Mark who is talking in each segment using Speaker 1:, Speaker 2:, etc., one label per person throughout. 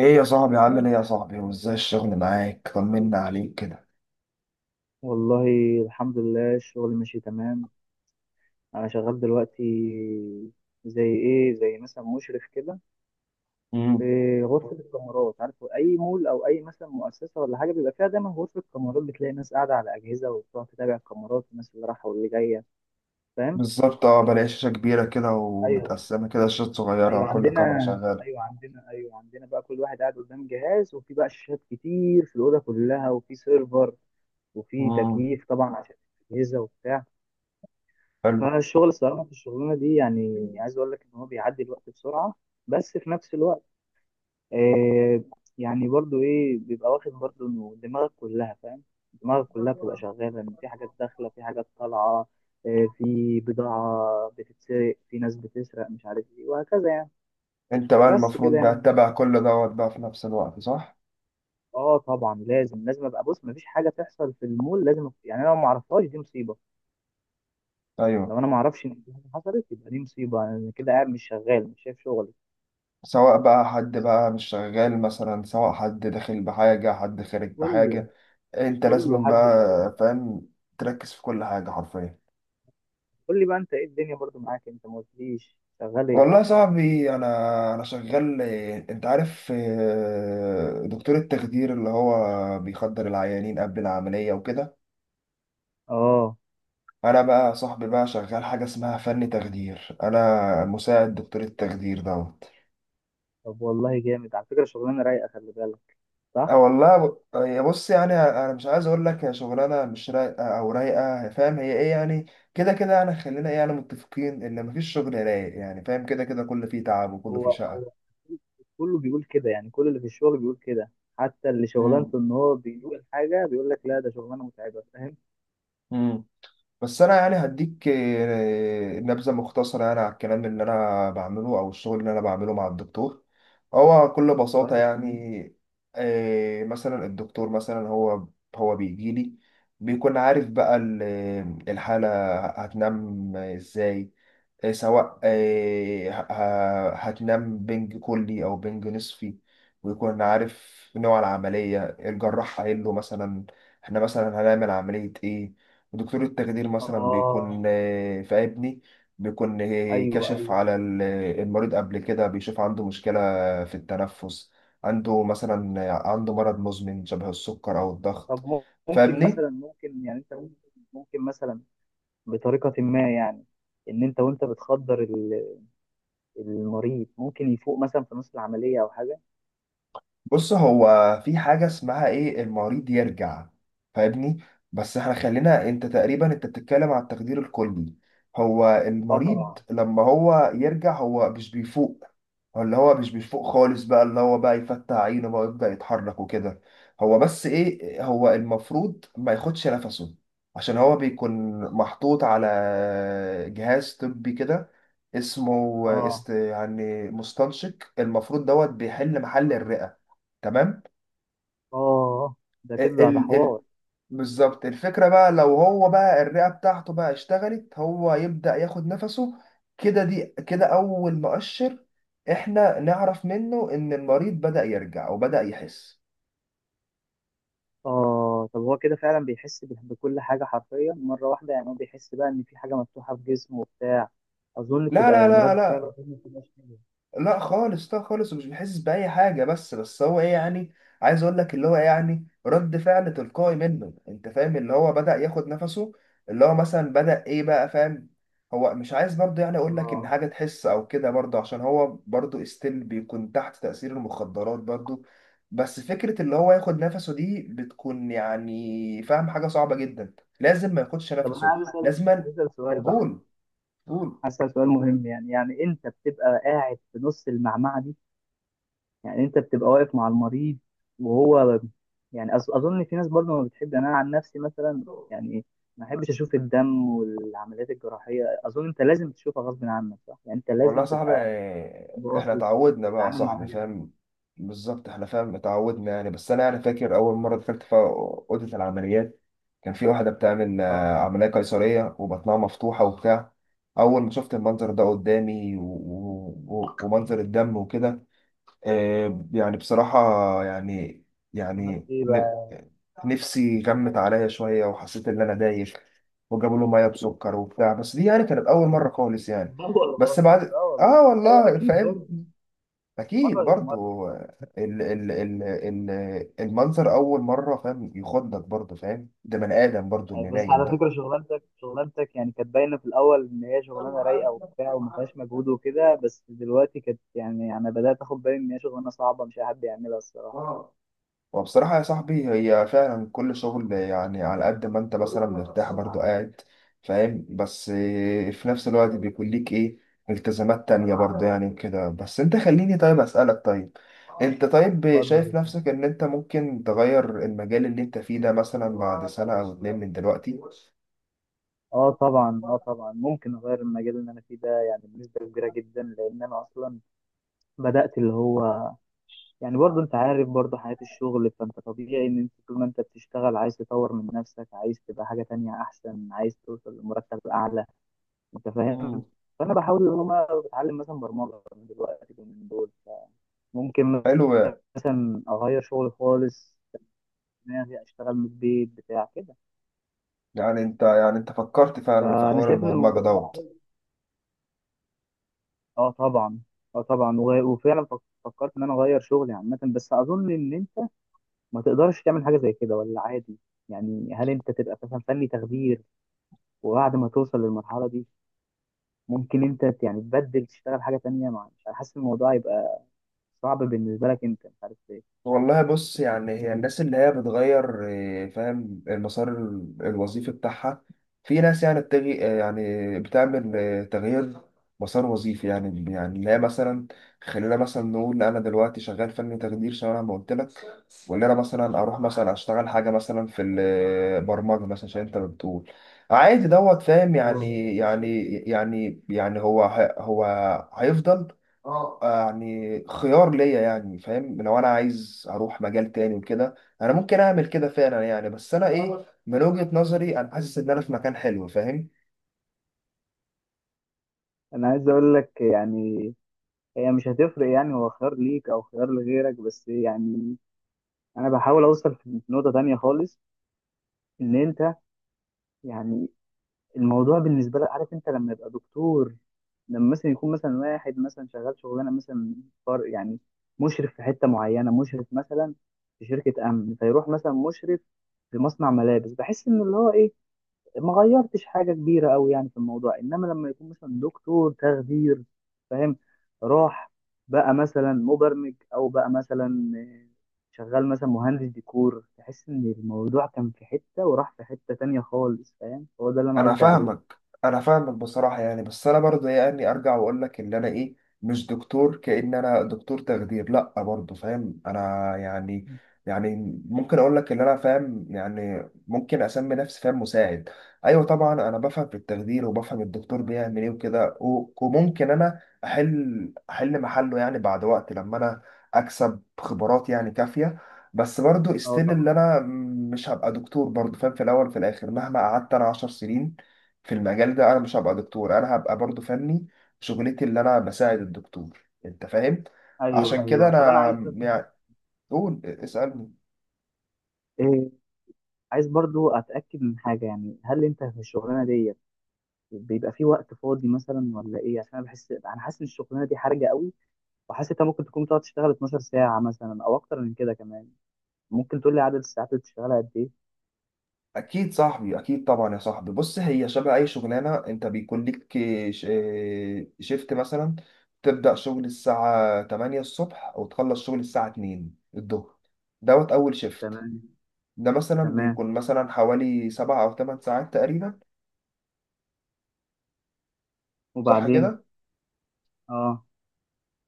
Speaker 1: ايه يا صاحبي، عامل ايه يا صاحبي، وازاي الشغل معاك؟ طمنا عليك كده.
Speaker 2: والله، الحمد لله. الشغل ماشي تمام. انا شغال دلوقتي. زي ايه؟ زي مثلا مشرف كده. في
Speaker 1: امم
Speaker 2: غرفه الكاميرات، عارف، اي مول او اي مثلا مؤسسه ولا حاجه بيبقى فيها دايما غرفه كاميرات، بتلاقي ناس قاعده على اجهزه وبتقعد تتابع الكاميرات، الناس اللي رايحه واللي جايه، فاهم.
Speaker 1: بالظبط، اه، بلاقي شاشة كبيرة كده
Speaker 2: ايوه،
Speaker 1: ومتقسمة كده شاشات صغيرة،
Speaker 2: ايوه
Speaker 1: كل
Speaker 2: عندنا
Speaker 1: كاميرا شغالة.
Speaker 2: ايوه عندنا بقى. كل واحد قاعد قدام جهاز، وفي بقى شاشات كتير في الاوضه كلها، وفي سيرفر وفي
Speaker 1: امم
Speaker 2: تكييف طبعا عشان الاجهزه وبتاع.
Speaker 1: حلو.
Speaker 2: فالشغل الصراحة في الشغلانة دي، يعني عايز أقول لك إن هو بيعدي الوقت بسرعة، بس في نفس الوقت، آه يعني برضو إيه، بيبقى واخد برضو إنه دماغك كلها، فاهم، دماغك كلها بتبقى شغالة، إن في حاجات داخلة في حاجات طالعة. في بضاعة بتتسرق، في ناس بتسرق، مش عارف إيه، وهكذا يعني.
Speaker 1: انت بقى
Speaker 2: بس كده
Speaker 1: المفروض بقى
Speaker 2: يعني.
Speaker 1: تتابع كل دوت بقى في نفس الوقت، صح؟
Speaker 2: طبعا لازم أبقى بص، مفيش حاجة تحصل في المول. لازم يعني أنا لو معرفهاش دي مصيبة.
Speaker 1: ايوه.
Speaker 2: لو أنا معرفش إن في حاجة حصلت يبقى دي مصيبة، أنا كده قاعد مش شغال مش شايف
Speaker 1: سواء بقى حد بقى مش شغال مثلا، سواء حد داخل بحاجة حد خارج
Speaker 2: شغلي،
Speaker 1: بحاجة، انت
Speaker 2: كله
Speaker 1: لازم
Speaker 2: حد
Speaker 1: بقى،
Speaker 2: بيسأل.
Speaker 1: فاهم، تركز في كل حاجة حرفيا.
Speaker 2: قول لي بقى انت، ايه الدنيا برضو معاك؟ انت ما قلتليش شغال
Speaker 1: والله
Speaker 2: ايه.
Speaker 1: يا صاحبي، انا شغال إيه، انت عارف إيه، دكتور التخدير اللي هو بيخدر العيانين قبل العمليه وكده.
Speaker 2: اه.
Speaker 1: انا بقى يا صاحبي بقى شغال حاجه اسمها فن تخدير، انا مساعد دكتور التخدير دوت.
Speaker 2: طب والله جامد، على فكره شغلانه رايقه، خلي بالك.
Speaker 1: اه
Speaker 2: صح.
Speaker 1: والله، يا بص يعني، انا مش عايز اقول لك يا شغلانه مش رايقه او رايقه، فاهم هي ايه يعني. كده كده يعني، خلينا ايه يعني، متفقين ان مفيش شغل رايق، يعني فاهم، كده كده كله فيه تعب وكله
Speaker 2: هو
Speaker 1: فيه شقه.
Speaker 2: هو كله بيقول كده، يعني كل اللي في الشغل بيقول كده. حتى اللي شغلانته ان هو بيدوق الحاجه بيقول لك لا ده شغلانه متعبه، فاهم.
Speaker 1: امم بس انا يعني هديك نبذه مختصره يعني على الكلام اللي انا بعمله او الشغل اللي انا بعمله مع الدكتور. هو بكل بساطه
Speaker 2: طيب.
Speaker 1: يعني، مثلا الدكتور مثلا، هو بيجي لي، بيكون عارف بقى الحاله هتنام ازاي، سواء هتنام بنج كلي أو بنج نصفي، ويكون عارف نوع العملية، الجراح قايل له مثلا احنا مثلا هنعمل عملية ايه. ودكتور التخدير مثلا بيكون
Speaker 2: اه.
Speaker 1: في ابني، بيكون
Speaker 2: ايوه
Speaker 1: كاشف
Speaker 2: ايوه.
Speaker 1: على المريض قبل كده، بيشوف عنده مشكلة في التنفس، عنده مثلا عنده مرض مزمن شبه السكر أو الضغط.
Speaker 2: طب، ممكن
Speaker 1: فاهمني؟
Speaker 2: مثلا، ممكن مثلا بطريقه ما يعني، ان انت وانت بتخدر المريض ممكن يفوق مثلا في نص العمليه او حاجه.
Speaker 1: بص، هو في حاجة اسمها ايه، المريض يرجع، فاهمني. بس احنا خلينا، انت تقريبا انت بتتكلم على التقدير الكلي. هو
Speaker 2: اه
Speaker 1: المريض
Speaker 2: طبعا.
Speaker 1: لما هو يرجع، هو مش بيفوق، هو اللي هو مش بيفوق خالص بقى، اللي هو بقى يفتح عينه بقى ويبدأ يتحرك وكده. هو بس ايه، هو المفروض ما ياخدش نفسه، عشان هو بيكون محطوط على جهاز طبي كده اسمه
Speaker 2: اه.
Speaker 1: يعني مستنشق، المفروض دوت بيحل محل الرئة. تمام.
Speaker 2: اه ده كده،
Speaker 1: ال
Speaker 2: ده
Speaker 1: ال
Speaker 2: حوار.
Speaker 1: ال- بالظبط، الفكرة بقى لو هو بقى الرئة بتاعته بقى اشتغلت، هو يبدأ ياخد نفسه. كده دي كده أول مؤشر إحنا نعرف منه إن المريض بدأ يرجع وبدأ يحس.
Speaker 2: اه طب هو كده فعلا بيحس بكل حاجة حرفيا مرة واحدة؟ يعني هو بيحس بقى ان في حاجة مفتوحة في جسمه وبتاع، اظن
Speaker 1: لا
Speaker 2: بتبقى
Speaker 1: لا
Speaker 2: يعني
Speaker 1: لا
Speaker 2: ردة
Speaker 1: لا،
Speaker 2: فعله ما بتبقاش حلوة.
Speaker 1: لا خالص، لا خالص، ومش بيحس بأي حاجة، بس هو ايه يعني، عايز اقول لك اللي هو إيه يعني، رد فعل تلقائي منه، انت فاهم، اللي هو بدأ ياخد نفسه، اللي هو مثلا بدأ ايه بقى، فاهم. هو مش عايز برضه يعني اقول لك ان
Speaker 2: اه.
Speaker 1: حاجة تحس او كده برضه، عشان هو برضه استيل بيكون تحت تأثير المخدرات برضه. بس فكرة اللي هو ياخد نفسه دي بتكون يعني، فاهم، حاجة صعبة جدا، لازم ما ياخدش
Speaker 2: طب انا
Speaker 1: نفسه.
Speaker 2: عايز اسال،
Speaker 1: لازما.
Speaker 2: عايز اسال سؤال بقى
Speaker 1: قول
Speaker 2: عايز اسال سؤال مهم، يعني انت بتبقى قاعد في نص المعمعة دي، يعني انت بتبقى واقف مع المريض وهو، يعني اظن في ناس برضه ما بتحب، يعني انا عن نفسي مثلا،
Speaker 1: قول.
Speaker 2: يعني ما احبش اشوف الدم والعمليات الجراحيه. اظن انت لازم تشوفها غصب عنك، صح؟ يعني انت
Speaker 1: والله يا
Speaker 2: لازم
Speaker 1: صاحبي
Speaker 2: تبقى
Speaker 1: يعني، احنا
Speaker 2: باصص،
Speaker 1: اتعودنا بقى يا
Speaker 2: تتعامل مع
Speaker 1: صاحبي،
Speaker 2: الحاجات دي.
Speaker 1: فاهم، بالظبط، احنا فاهم اتعودنا يعني. بس انا يعني فاكر اول مره دخلت في اوضه العمليات، كان في واحده بتعمل
Speaker 2: اه.
Speaker 1: عمليه قيصريه وبطنها مفتوحه وبتاع. اول ما شفت المنظر ده قدامي ومنظر الدم وكده، يعني بصراحه، يعني
Speaker 2: عملت
Speaker 1: يعني
Speaker 2: ايه بقى؟
Speaker 1: نفسي غمت عليا شوية وحسيت إن أنا دايخ، وجابوا له مية بسكر وبتاع، بس دي يعني كانت أول مرة خالص يعني.
Speaker 2: اه والله.
Speaker 1: بس بعد،
Speaker 2: اه والله. ايوه
Speaker 1: والله
Speaker 2: اكيد
Speaker 1: فاهم.
Speaker 2: برضه، مره
Speaker 1: أكيد
Speaker 2: غير مره.
Speaker 1: برضو ال... ال... ال... المنظر أول مرة، فاهم، يخضك برضو، فاهم، ده بني آدم برضو
Speaker 2: يعني
Speaker 1: اللي
Speaker 2: بس
Speaker 1: نايم
Speaker 2: على
Speaker 1: ده.
Speaker 2: فكرة، شغلانتك يعني كانت باينة في الأول إن هي شغلانة رايقة وبتاع وما فيهاش مجهود وكده، بس دلوقتي كانت، يعني أنا بدأت آخد بالي إن هي شغلانة صعبة، مش أي حد يعملها الصراحة.
Speaker 1: وبصراحة يا صاحبي، هي فعلا كل شغل يعني، على قد ما انت مثلا مرتاح برضو قاعد، فاهم، بس في نفس الوقت بيكون ليك ايه، التزامات تانية برضو يعني وكده. بس انت خليني طيب اسألك، طيب انت، طيب شايف
Speaker 2: اتفضل.
Speaker 1: نفسك ان انت ممكن تغير المجال اللي انت فيه ده مثلا بعد سنة او اتنين من دلوقتي؟
Speaker 2: اه طبعا، ممكن اغير المجال اللي انا فيه ده يعني بنسبه كبيره جدا، لان انا اصلا بدات اللي هو، يعني برضو انت عارف برضو حياه الشغل، فانت طبيعي ان انت طول ما انت بتشتغل عايز تطور من نفسك، عايز تبقى حاجه تانية احسن، عايز توصل لمرتب اعلى، انت فاهم.
Speaker 1: مم.
Speaker 2: فانا بحاول ان انا بتعلم مثلا برمجه دلوقتي من دول، ممكن
Speaker 1: حلو.
Speaker 2: مثلا اغير شغلي خالص، دماغي اشتغل من البيت بتاع كده.
Speaker 1: يعني انت، يعني انت فكرت فعلا في
Speaker 2: فانا
Speaker 1: حوار
Speaker 2: شايف ان
Speaker 1: البرمجة
Speaker 2: الموضوع
Speaker 1: دوت؟
Speaker 2: اه طبعا، وفعلا فكرت ان انا اغير شغلي عامه، بس اظن ان انت ما تقدرش تعمل حاجه زي كده ولا عادي؟ يعني هل انت تبقى مثلا فني تخدير، وبعد ما توصل للمرحله دي ممكن انت، يعني تبدل تشتغل حاجه تانية، مع مش عارف، حاسس إن الموضوع يبقى صعب بالنسبه لك، انت مش عارف
Speaker 1: والله، بص يعني، هي الناس اللي هي بتغير فاهم المسار الوظيفي بتاعها، في ناس يعني بتجي يعني بتعمل تغيير مسار وظيفي يعني، يعني اللي هي مثلا، خلينا مثلا نقول انا دلوقتي شغال فني تخدير شبه ما قلت لك، وان انا مثلا اروح مثلا اشتغل حاجه مثلا في البرمجه مثلا عشان انت بتقول عادي دوت، فاهم
Speaker 2: ليه.
Speaker 1: يعني هو هيفضل يعني خيار ليا يعني، فاهم، لو انا عايز اروح مجال تاني وكده، انا ممكن اعمل كده فعلا يعني. بس انا ايه، من وجهة نظري انا حاسس ان انا في مكان حلو، فاهم.
Speaker 2: انا عايز اقول لك يعني، هي مش هتفرق يعني هو خيار ليك او خيار لغيرك، بس يعني انا بحاول اوصل في نقطة تانية خالص، ان انت يعني الموضوع بالنسبة لك، عارف انت لما يبقى دكتور، لما مثلا يكون مثلا واحد مثلا شغال شغلانة مثلا فار، يعني مشرف في حتة معينة، مشرف مثلا في شركة امن، فيروح مثلا مشرف في مصنع ملابس، بحس ان اللي هو ايه، ما غيرتش حاجه كبيره قوي يعني في الموضوع. انما لما يكون مثلا دكتور تخدير، فاهم، راح بقى مثلا مبرمج، او بقى مثلا شغال مثلا مهندس ديكور، تحس ان الموضوع كان في حته وراح في حته تانية خالص، فاهم. هو ده اللي انا
Speaker 1: انا
Speaker 2: قصدي عليه.
Speaker 1: فاهمك، انا فاهمك بصراحه يعني، بس انا برضه يعني ارجع واقول لك ان انا ايه، مش دكتور، كأن انا دكتور تخدير، لا برضه، فاهم. انا يعني يعني ممكن اقول لك ان انا فاهم، يعني ممكن اسمي نفسي، فاهم، مساعد. ايوه طبعا، انا بفهم في التخدير وبفهم الدكتور بيعمل ايه وكده، و- وممكن انا احل محله يعني بعد وقت لما انا اكسب خبرات يعني كافيه، بس برضو
Speaker 2: اه
Speaker 1: استيل
Speaker 2: طبعا.
Speaker 1: اللي انا مش هبقى دكتور برضو، فاهم، في الاول وفي الاخر مهما قعدت انا 10 سنين في المجال ده، انا مش هبقى دكتور، انا هبقى برضو فني، شغلتي اللي انا بساعد الدكتور، انت فاهم.
Speaker 2: ايوه
Speaker 1: عشان كده
Speaker 2: ايوه. طب انا
Speaker 1: انا
Speaker 2: عايز،
Speaker 1: يعني، قول اسألني.
Speaker 2: إيه، عايز برضو اتاكد من حاجه. يعني هل انت في الشغلانه ديت بيبقى في وقت فاضي مثلا ولا ايه؟ عشان انا حاسس ان الشغلانه دي حرجه قوي، وحاسس انت ممكن تكون بتقعد تشتغل 12 ساعة مثلا او اكتر من كده كمان. ممكن تقول لي عدد الساعات اللي بتشتغلها قد ايه؟
Speaker 1: اكيد صاحبي، اكيد طبعا يا صاحبي. بص، هي شبه اي شغلانه، انت بيكون ليك ش- شيفت مثلا، تبدا شغل الساعه 8 الصبح وتخلص شغل الساعه 2 الظهر، دوت اول شيفت.
Speaker 2: تمام.
Speaker 1: ده مثلا
Speaker 2: تمام.
Speaker 1: بيكون مثلا حوالي 7 أو 8 ساعات تقريبا، صح
Speaker 2: وبعدين.
Speaker 1: كده.
Speaker 2: اه.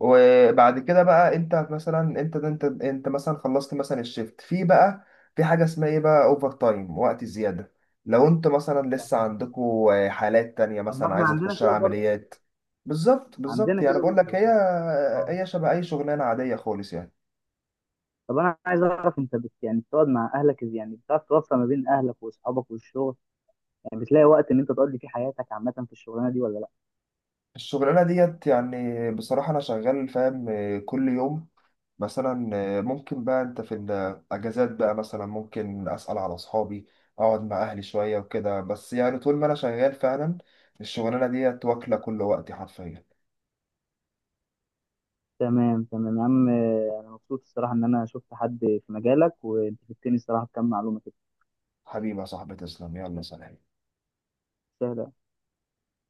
Speaker 1: وبعد كده بقى أنت مثلا، أنت مثلا خلصت مثلا الشيفت، في بقى في حاجة اسمها إيه بقى، أوفر تايم، وقت زيادة، لو أنت مثلا لسه
Speaker 2: تمام.
Speaker 1: عندكوا حالات تانية
Speaker 2: طب ما
Speaker 1: مثلا
Speaker 2: احنا
Speaker 1: عايزة
Speaker 2: عندنا
Speaker 1: تخش
Speaker 2: كده برضه.
Speaker 1: عمليات. بالظبط، بالظبط،
Speaker 2: عندنا
Speaker 1: يعني
Speaker 2: كده
Speaker 1: بقول لك،
Speaker 2: برضه
Speaker 1: هي،
Speaker 2: اه.
Speaker 1: هي شبه أي شغلانة عادية خالص يعني.
Speaker 2: طب انا عايز اعرف، انت يعني بتقعد مع اهلك، يعني بتعرف توفق ما بين اهلك واصحابك والشغل؟ يعني بتلاقي وقت ان انت تقضي فيه حياتك عامة في الشغلانة دي ولا لا؟
Speaker 1: الشغلانة ديت يعني بصراحة أنا شغال، فاهم، كل يوم مثلا. ممكن بقى انت في الاجازات بقى مثلا ممكن اسال على اصحابي، اقعد مع اهلي شويه وكده، بس يعني طول ما انا شغال فعلا، الشغلانه ديت واكله كل وقتي حرفيا.
Speaker 2: تمام تمام يا عم. انا مبسوط الصراحة ان انا شفت حد في مجالك، وانت فدتني الصراحة بكم معلومة كده
Speaker 1: حبيبي يا صاحبي، تسلم، يلا سلام.
Speaker 2: سهلة.